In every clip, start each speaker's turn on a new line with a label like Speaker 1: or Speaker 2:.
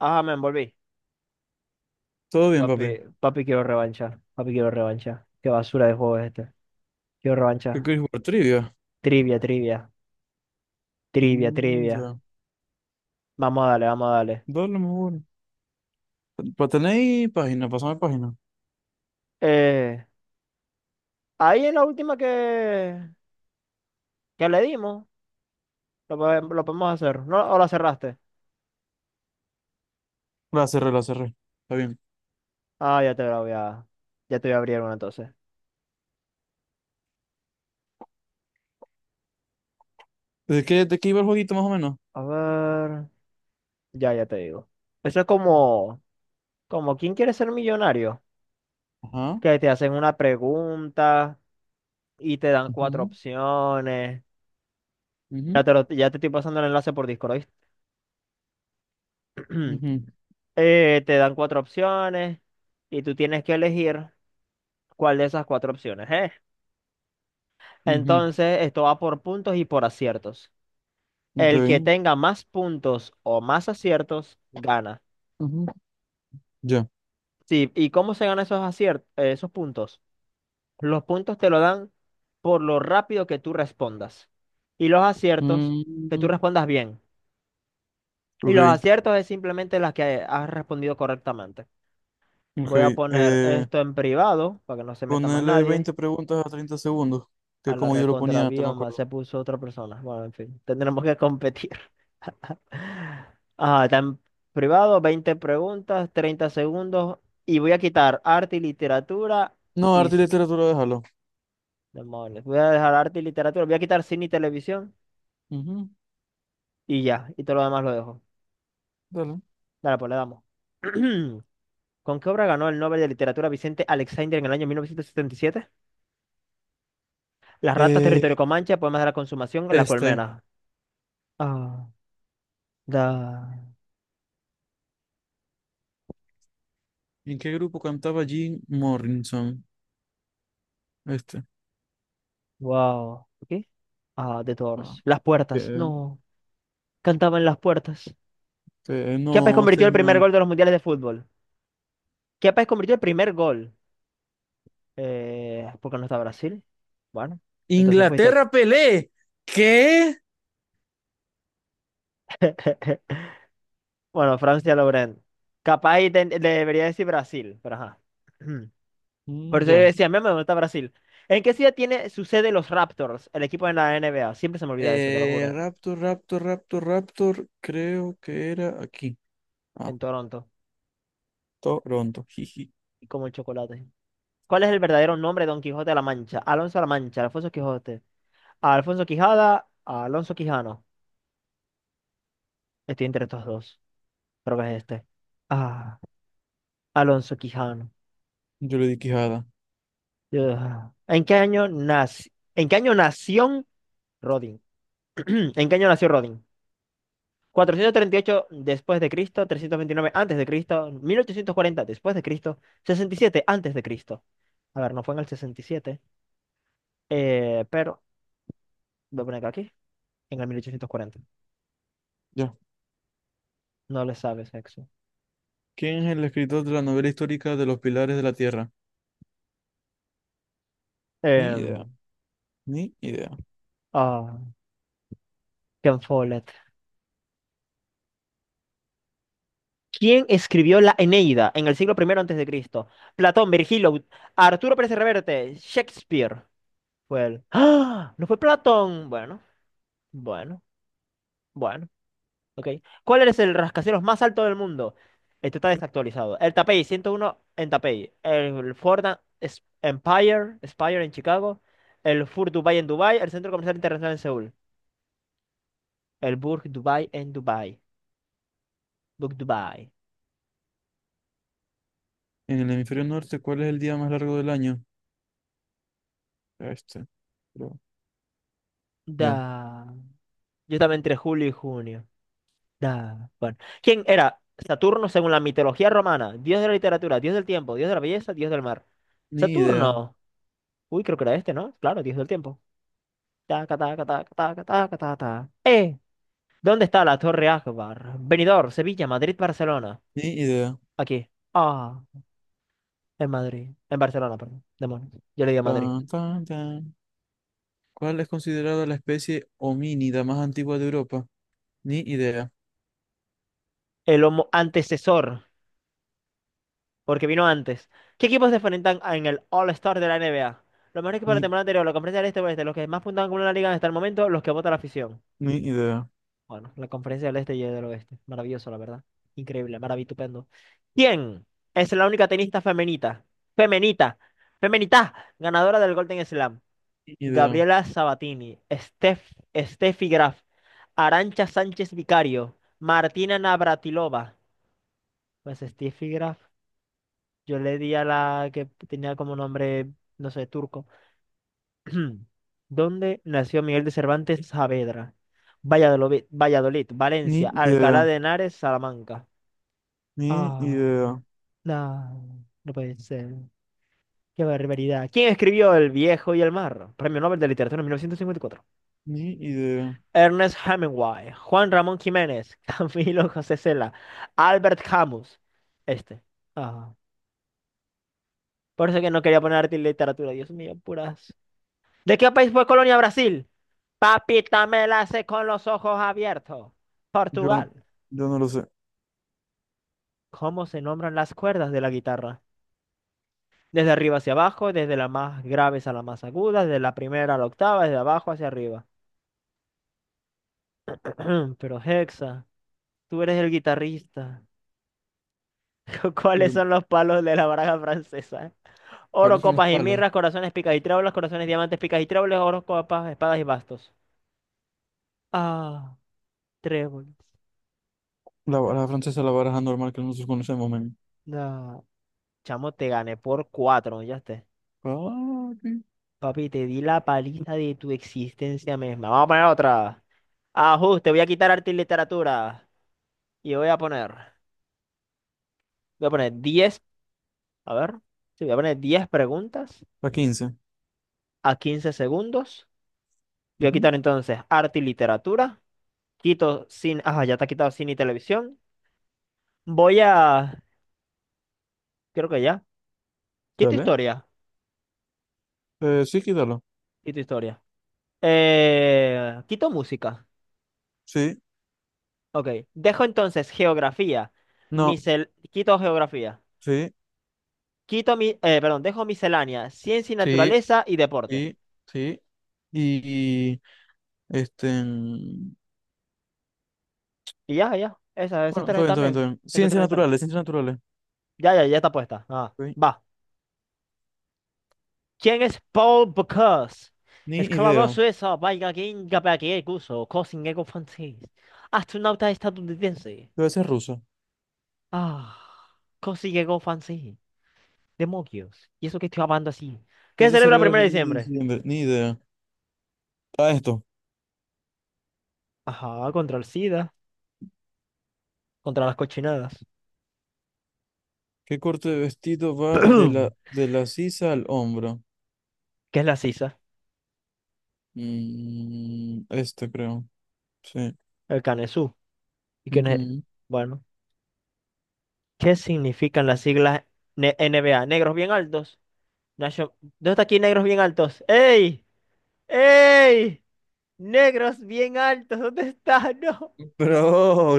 Speaker 1: Ah, me envolví.
Speaker 2: Todo bien, papi.
Speaker 1: Papi, papi, quiero revancha. Papi, quiero revancha. ¡Qué basura de juego es este! Quiero
Speaker 2: ¿Qué
Speaker 1: revancha.
Speaker 2: quieres jugar? Trivia.
Speaker 1: Trivia, trivia. Trivia,
Speaker 2: Mm,
Speaker 1: trivia.
Speaker 2: ya.
Speaker 1: Vamos a darle, vamos a darle.
Speaker 2: Dale, mejor. ¿Para tenéis página? Pásame página.
Speaker 1: Eh, ahí en la última que le dimos, lo podemos hacer. ¿No? ¿O la cerraste?
Speaker 2: La cerré, la cerré. Está bien.
Speaker 1: Ah, ya te voy a abrir una entonces.
Speaker 2: ¿De qué iba el jueguito más o menos?
Speaker 1: A ver. Ya te digo. Eso es como... Como, ¿quién quiere ser millonario?
Speaker 2: Ajá.
Speaker 1: Que te hacen una pregunta y te dan cuatro
Speaker 2: Ujú,
Speaker 1: opciones. Ya
Speaker 2: ujú,
Speaker 1: te, lo- ya te estoy pasando el enlace por Discord, ¿oíste?
Speaker 2: ujú,
Speaker 1: Te dan cuatro opciones y tú tienes que elegir cuál de esas cuatro opciones es.
Speaker 2: ujú.
Speaker 1: Entonces, esto va por puntos y por aciertos.
Speaker 2: Ok.
Speaker 1: El que tenga más puntos o más aciertos, gana.
Speaker 2: Ujú. Ya.
Speaker 1: Sí, ¿y cómo se ganan esos aciertos, esos puntos? Los puntos te lo dan por lo rápido que tú respondas. Y los aciertos, que tú
Speaker 2: Mm,
Speaker 1: respondas bien. Y los
Speaker 2: ok,
Speaker 1: aciertos es simplemente las que has respondido correctamente.
Speaker 2: ok.
Speaker 1: Voy a poner
Speaker 2: Eh,
Speaker 1: esto en privado para que no se meta más
Speaker 2: Ponele
Speaker 1: nadie.
Speaker 2: 20 preguntas a 30 segundos, que
Speaker 1: A
Speaker 2: es
Speaker 1: la
Speaker 2: como yo lo
Speaker 1: recontra
Speaker 2: ponía antes, me
Speaker 1: bioma
Speaker 2: acuerdo.
Speaker 1: se puso otra persona. Bueno, en fin, tendremos que competir. Ah, está en privado, 20 preguntas, 30 segundos. Y voy a quitar arte y literatura
Speaker 2: No,
Speaker 1: y...
Speaker 2: arte y
Speaker 1: s-
Speaker 2: literatura, déjalo.
Speaker 1: demonios. Voy a dejar arte y literatura. Voy a quitar cine y televisión
Speaker 2: Ujú.
Speaker 1: y ya. Y todo lo demás lo dejo.
Speaker 2: Dale.
Speaker 1: Dale, pues le damos. ¿Con qué obra ganó el Nobel de Literatura Vicente Alexander en el año 1977? Las ratas,
Speaker 2: Eh,
Speaker 1: territorio Comanche, poemas de la consumación, la
Speaker 2: este.
Speaker 1: colmena. Ah. Da,
Speaker 2: ¿En qué grupo cantaba Jim Morrison? Este.
Speaker 1: wow. ¿Qué? Ah, The
Speaker 2: Ah,
Speaker 1: Doors. Las puertas.
Speaker 2: que-
Speaker 1: No. Cantaban las puertas.
Speaker 2: que
Speaker 1: Chiapas
Speaker 2: no,
Speaker 1: convirtió el primer
Speaker 2: señor.
Speaker 1: gol de los mundiales de fútbol. Chiapas convirtió el primer gol. Porque no está Brasil. Bueno, entonces fuiste.
Speaker 2: Inglaterra, Pelé. ¿Qué?
Speaker 1: Bueno, Francia Laurent. Capaz y debería decir Brasil, pero ajá. Por
Speaker 2: Mm,
Speaker 1: eso yo
Speaker 2: ya.
Speaker 1: decía, meme, ¿dónde está Brasil? ¿En qué ciudad tiene su sede los Raptors, el equipo de la NBA? Siempre se me olvida eso, te lo juro.
Speaker 2: Raptor, Raptor, Raptor, Raptor. Creo que era aquí. Ah,
Speaker 1: En Toronto.
Speaker 2: Toronto. Jiji.
Speaker 1: Y como el chocolate. ¿Cuál es el verdadero nombre de Don Quijote de la Mancha? Alonso de la Mancha, Alfonso Quijote. Alfonso Quijada, Alonso Quijano. Estoy entre estos dos. Creo que es este. Ah, Alonso Quijano.
Speaker 2: Yo le di quijada.
Speaker 1: Ugh. ¿En qué año nació? ¿En qué año nació Rodin? ¿En qué año nació Rodin? 438 después de Cristo, 329 antes de Cristo, 1840 después de Cristo, 67 antes de Cristo. A ver, no fue en el 67, pero voy a poner acá aquí, en el 1840.
Speaker 2: Ya.
Speaker 1: No le sabes, Hex.
Speaker 2: ¿Quién es el escritor de la novela histórica de Los Pilares de la Tierra? Ni idea,
Speaker 1: Em,
Speaker 2: ni idea.
Speaker 1: ah, Ken Follett. ¿Quién escribió la Eneida en el siglo primero antes de Cristo? Platón, Virgilio, Arturo Pérez Reverte, Shakespeare. Fue él. ¡Ah! ¿No fue Platón? Bueno, bueno, bueno. Ok. ¿Cuál es el rascacielos más alto del mundo? Este está desactualizado. El Tapey 101 en Tapey. El Ford Empire, Spire en Chicago. El Fur Dubai en Dubai. El Centro Comercial Internacional en Seúl. El Burj Dubai en Dubai. Burj Dubai.
Speaker 2: En el hemisferio norte, ¿cuál es el día más largo del año? Este, creo. Ya.
Speaker 1: Da. Yo estaba entre julio y junio. Da, bueno. ¿Quién era Saturno según la mitología romana? Dios de la literatura, dios del tiempo, dios de la belleza, dios del mar.
Speaker 2: Ni idea,
Speaker 1: Saturno. Uy, creo que era este, ¿no? Claro, dios del tiempo. Taca, taca, taca, taca, taca, taca, taca. ¡Eh! ¿Dónde está la Torre Akbar? Benidorm, Sevilla, Madrid, Barcelona.
Speaker 2: ni idea.
Speaker 1: Aquí. Ah, en Madrid. En Barcelona, perdón. Demonios. Yo le digo Madrid.
Speaker 2: Tan, tan, tan. ¿Cuál es considerada la especie homínida más antigua de Europa? Ni idea,
Speaker 1: El homo antecesor porque vino antes. ¿Qué equipos se enfrentan en el All-Star de la NBA? Los mejores equipos de la
Speaker 2: ni,
Speaker 1: temporada anterior, la conferencia del Este y Oeste, los que más puntos han acumulado la liga hasta el momento, los que vota la afición.
Speaker 2: ni idea.
Speaker 1: Bueno, la conferencia del Este y del Oeste. Maravilloso, la verdad. Increíble, maravitupendo. ¿Quién es la única tenista femenita? Femenita. Femenita. Ganadora del Golden Slam.
Speaker 2: Ni idea.
Speaker 1: Gabriela Sabatini. Steffi Graf. Arancha Sánchez Vicario. Martina Navratilova. Pues Steffi Graf. Yo le di a la que tenía como nombre, no sé, turco. ¿Dónde nació Miguel de Cervantes Saavedra? Valladolid, Valladolid,
Speaker 2: Ni
Speaker 1: Valencia, Alcalá
Speaker 2: idea.
Speaker 1: de Henares, Salamanca.
Speaker 2: Ni
Speaker 1: Ah,
Speaker 2: idea.
Speaker 1: no, no puede ser. ¡Qué barbaridad! ¿Quién escribió El viejo y el mar? Premio Nobel de Literatura en 1954.
Speaker 2: Ni idea.
Speaker 1: Ernest Hemingway, Juan Ramón Jiménez, Camilo José Cela, Albert Camus. Este. Ah, por eso que no quería poner arte y literatura. Dios mío, puras. ¿De qué país fue colonia Brasil? Papita me la hace con los ojos abiertos.
Speaker 2: Yo,
Speaker 1: Portugal.
Speaker 2: yo no lo sé.
Speaker 1: ¿Cómo se nombran las cuerdas de la guitarra? Desde arriba hacia abajo, desde las más graves a las más agudas, desde la primera a la octava, desde abajo hacia arriba. Pero Hexa, tú eres el guitarrista. ¿Cuáles
Speaker 2: Eh,
Speaker 1: son los palos de la baraja francesa? Oro,
Speaker 2: ¿Cuáles son los
Speaker 1: copas y
Speaker 2: palos?
Speaker 1: mirras, corazones, picas y tréboles, corazones, diamantes, picas y tréboles, oro, copas, espadas y bastos. Ah, tréboles.
Speaker 2: La baraja francesa, la baraja normal que nosotros conocemos, men.
Speaker 1: No. Chamo, te gané por cuatro, ya está.
Speaker 2: Papi.
Speaker 1: Papi, te di la paliza de tu existencia misma. Vamos a poner otra. Ajuste, voy a quitar arte y literatura. Y voy a poner 10, a ver, sí, voy a poner 10 preguntas
Speaker 2: ¿La 15?
Speaker 1: a 15 segundos. Voy a
Speaker 2: Ujú.
Speaker 1: quitar entonces arte y literatura. Quito cine, ajá, ya está quitado cine y televisión. Voy a, Creo que ya. Quito
Speaker 2: Dale.
Speaker 1: historia,
Speaker 2: Sí, quítalo.
Speaker 1: quito historia. Quito música,
Speaker 2: Sí.
Speaker 1: ok. Dejo entonces geografía.
Speaker 2: No.
Speaker 1: Misel, quito geografía.
Speaker 2: Sí.
Speaker 1: Perdón, dejo miscelánea, ciencia y
Speaker 2: Sí.
Speaker 1: naturaleza y deporte.
Speaker 2: Sí. Sí. Y este. Mm,
Speaker 1: Y ya, ya. Esas
Speaker 2: bueno,
Speaker 1: tres
Speaker 2: todo bien, todo bien,
Speaker 1: también.
Speaker 2: todo bien.
Speaker 1: Esas
Speaker 2: Ciencias
Speaker 1: tres también.
Speaker 2: naturales, ciencias naturales.
Speaker 1: Ya está puesta. Ah,
Speaker 2: Ok.
Speaker 1: va. ¿Quién es Paul Bocuse?
Speaker 2: Ni
Speaker 1: Escalador
Speaker 2: idea.
Speaker 1: suizo, vaya ginga que guso, cosingego francés. Astronauta estadounidense.
Speaker 2: Debe ser ruso.
Speaker 1: Ah, cosingego francés. Demonios. ¿Y eso que estoy hablando así? ¿Qué
Speaker 2: ¿Qué
Speaker 1: se
Speaker 2: se
Speaker 1: celebra el
Speaker 2: celebra el
Speaker 1: 1 de
Speaker 2: 1 de
Speaker 1: diciembre?
Speaker 2: diciembre? Ni idea. Ah, esto.
Speaker 1: Ajá, contra el SIDA, contra las cochinadas.
Speaker 2: ¿Qué corte de vestido va de la, de la sisa al hombro?
Speaker 1: ¿Qué es la sisa?
Speaker 2: Mm, este creo. Sí.
Speaker 1: El canesú. ¿Y quién es?
Speaker 2: Ujú.
Speaker 1: Bueno. ¿Qué significan las siglas NBA? Negros bien altos. Nation- ¿Dónde está aquí negros bien altos? ¡Ey! ¡Ey! Negros bien altos. ¿Dónde está? No.
Speaker 2: Bro,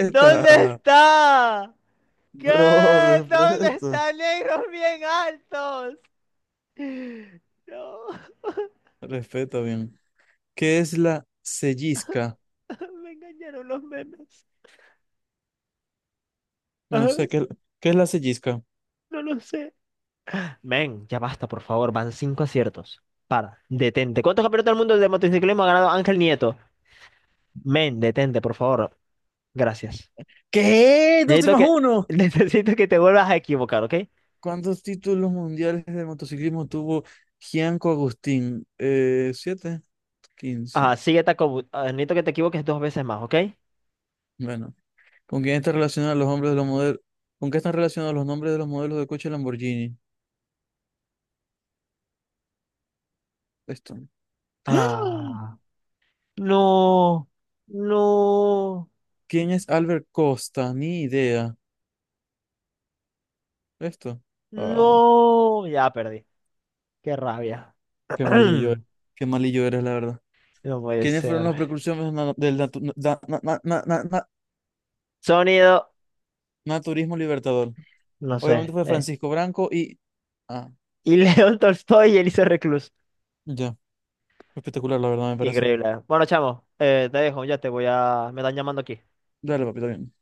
Speaker 1: ¿Dónde está? ¿Qué?
Speaker 2: Bro,
Speaker 1: ¿Dónde
Speaker 2: respeta.
Speaker 1: está negros bien altos? No.
Speaker 2: Respeta bien. ¿Qué es la sellisca?
Speaker 1: Me engañaron los memes.
Speaker 2: No
Speaker 1: Ajá,
Speaker 2: sé, ¿qué es la sellisca?
Speaker 1: no lo sé. Men, ya basta, por favor. Van cinco aciertos. Para, detente. ¿Cuántos campeonatos del mundo de motociclismo ha ganado Ángel Nieto? Men, detente, por favor. Gracias.
Speaker 2: ¿Qué? ¿Dos y
Speaker 1: Necesito
Speaker 2: más
Speaker 1: que,
Speaker 2: uno?
Speaker 1: necesito que te vuelvas a equivocar, ¿ok?
Speaker 2: ¿Cuántos títulos mundiales de motociclismo tuvo Gianco Agustín? ¿Siete? 15.
Speaker 1: Ah, necesito que te equivoques dos veces más, ¿ok?
Speaker 2: Bueno, ¿con quién están relacionados los hombres de los modelos? ¿Con qué están relacionados los nombres de los modelos de coche Lamborghini? Esto. ¡Ah!
Speaker 1: Ah, no, no,
Speaker 2: ¿Quién es Albert Costa? Ni idea. Esto. Ah,
Speaker 1: no. Ya perdí. ¡Qué rabia!
Speaker 2: qué malillo eres. Qué malillo eres, la verdad.
Speaker 1: No puede
Speaker 2: ¿Quiénes fueron
Speaker 1: ser.
Speaker 2: los precursores na- del natu- da- na- na- na- na- na-
Speaker 1: Sonido,
Speaker 2: naturismo libertador?
Speaker 1: no
Speaker 2: Obviamente
Speaker 1: sé.
Speaker 2: fue Francisco Branco y... Ah,
Speaker 1: Y León Tolstoy y Elisa Reclus.
Speaker 2: ya. Espectacular, la verdad, me parece.
Speaker 1: Increíble. Bueno, chamo, te dejo. Me están llamando aquí.
Speaker 2: Dale, papi, también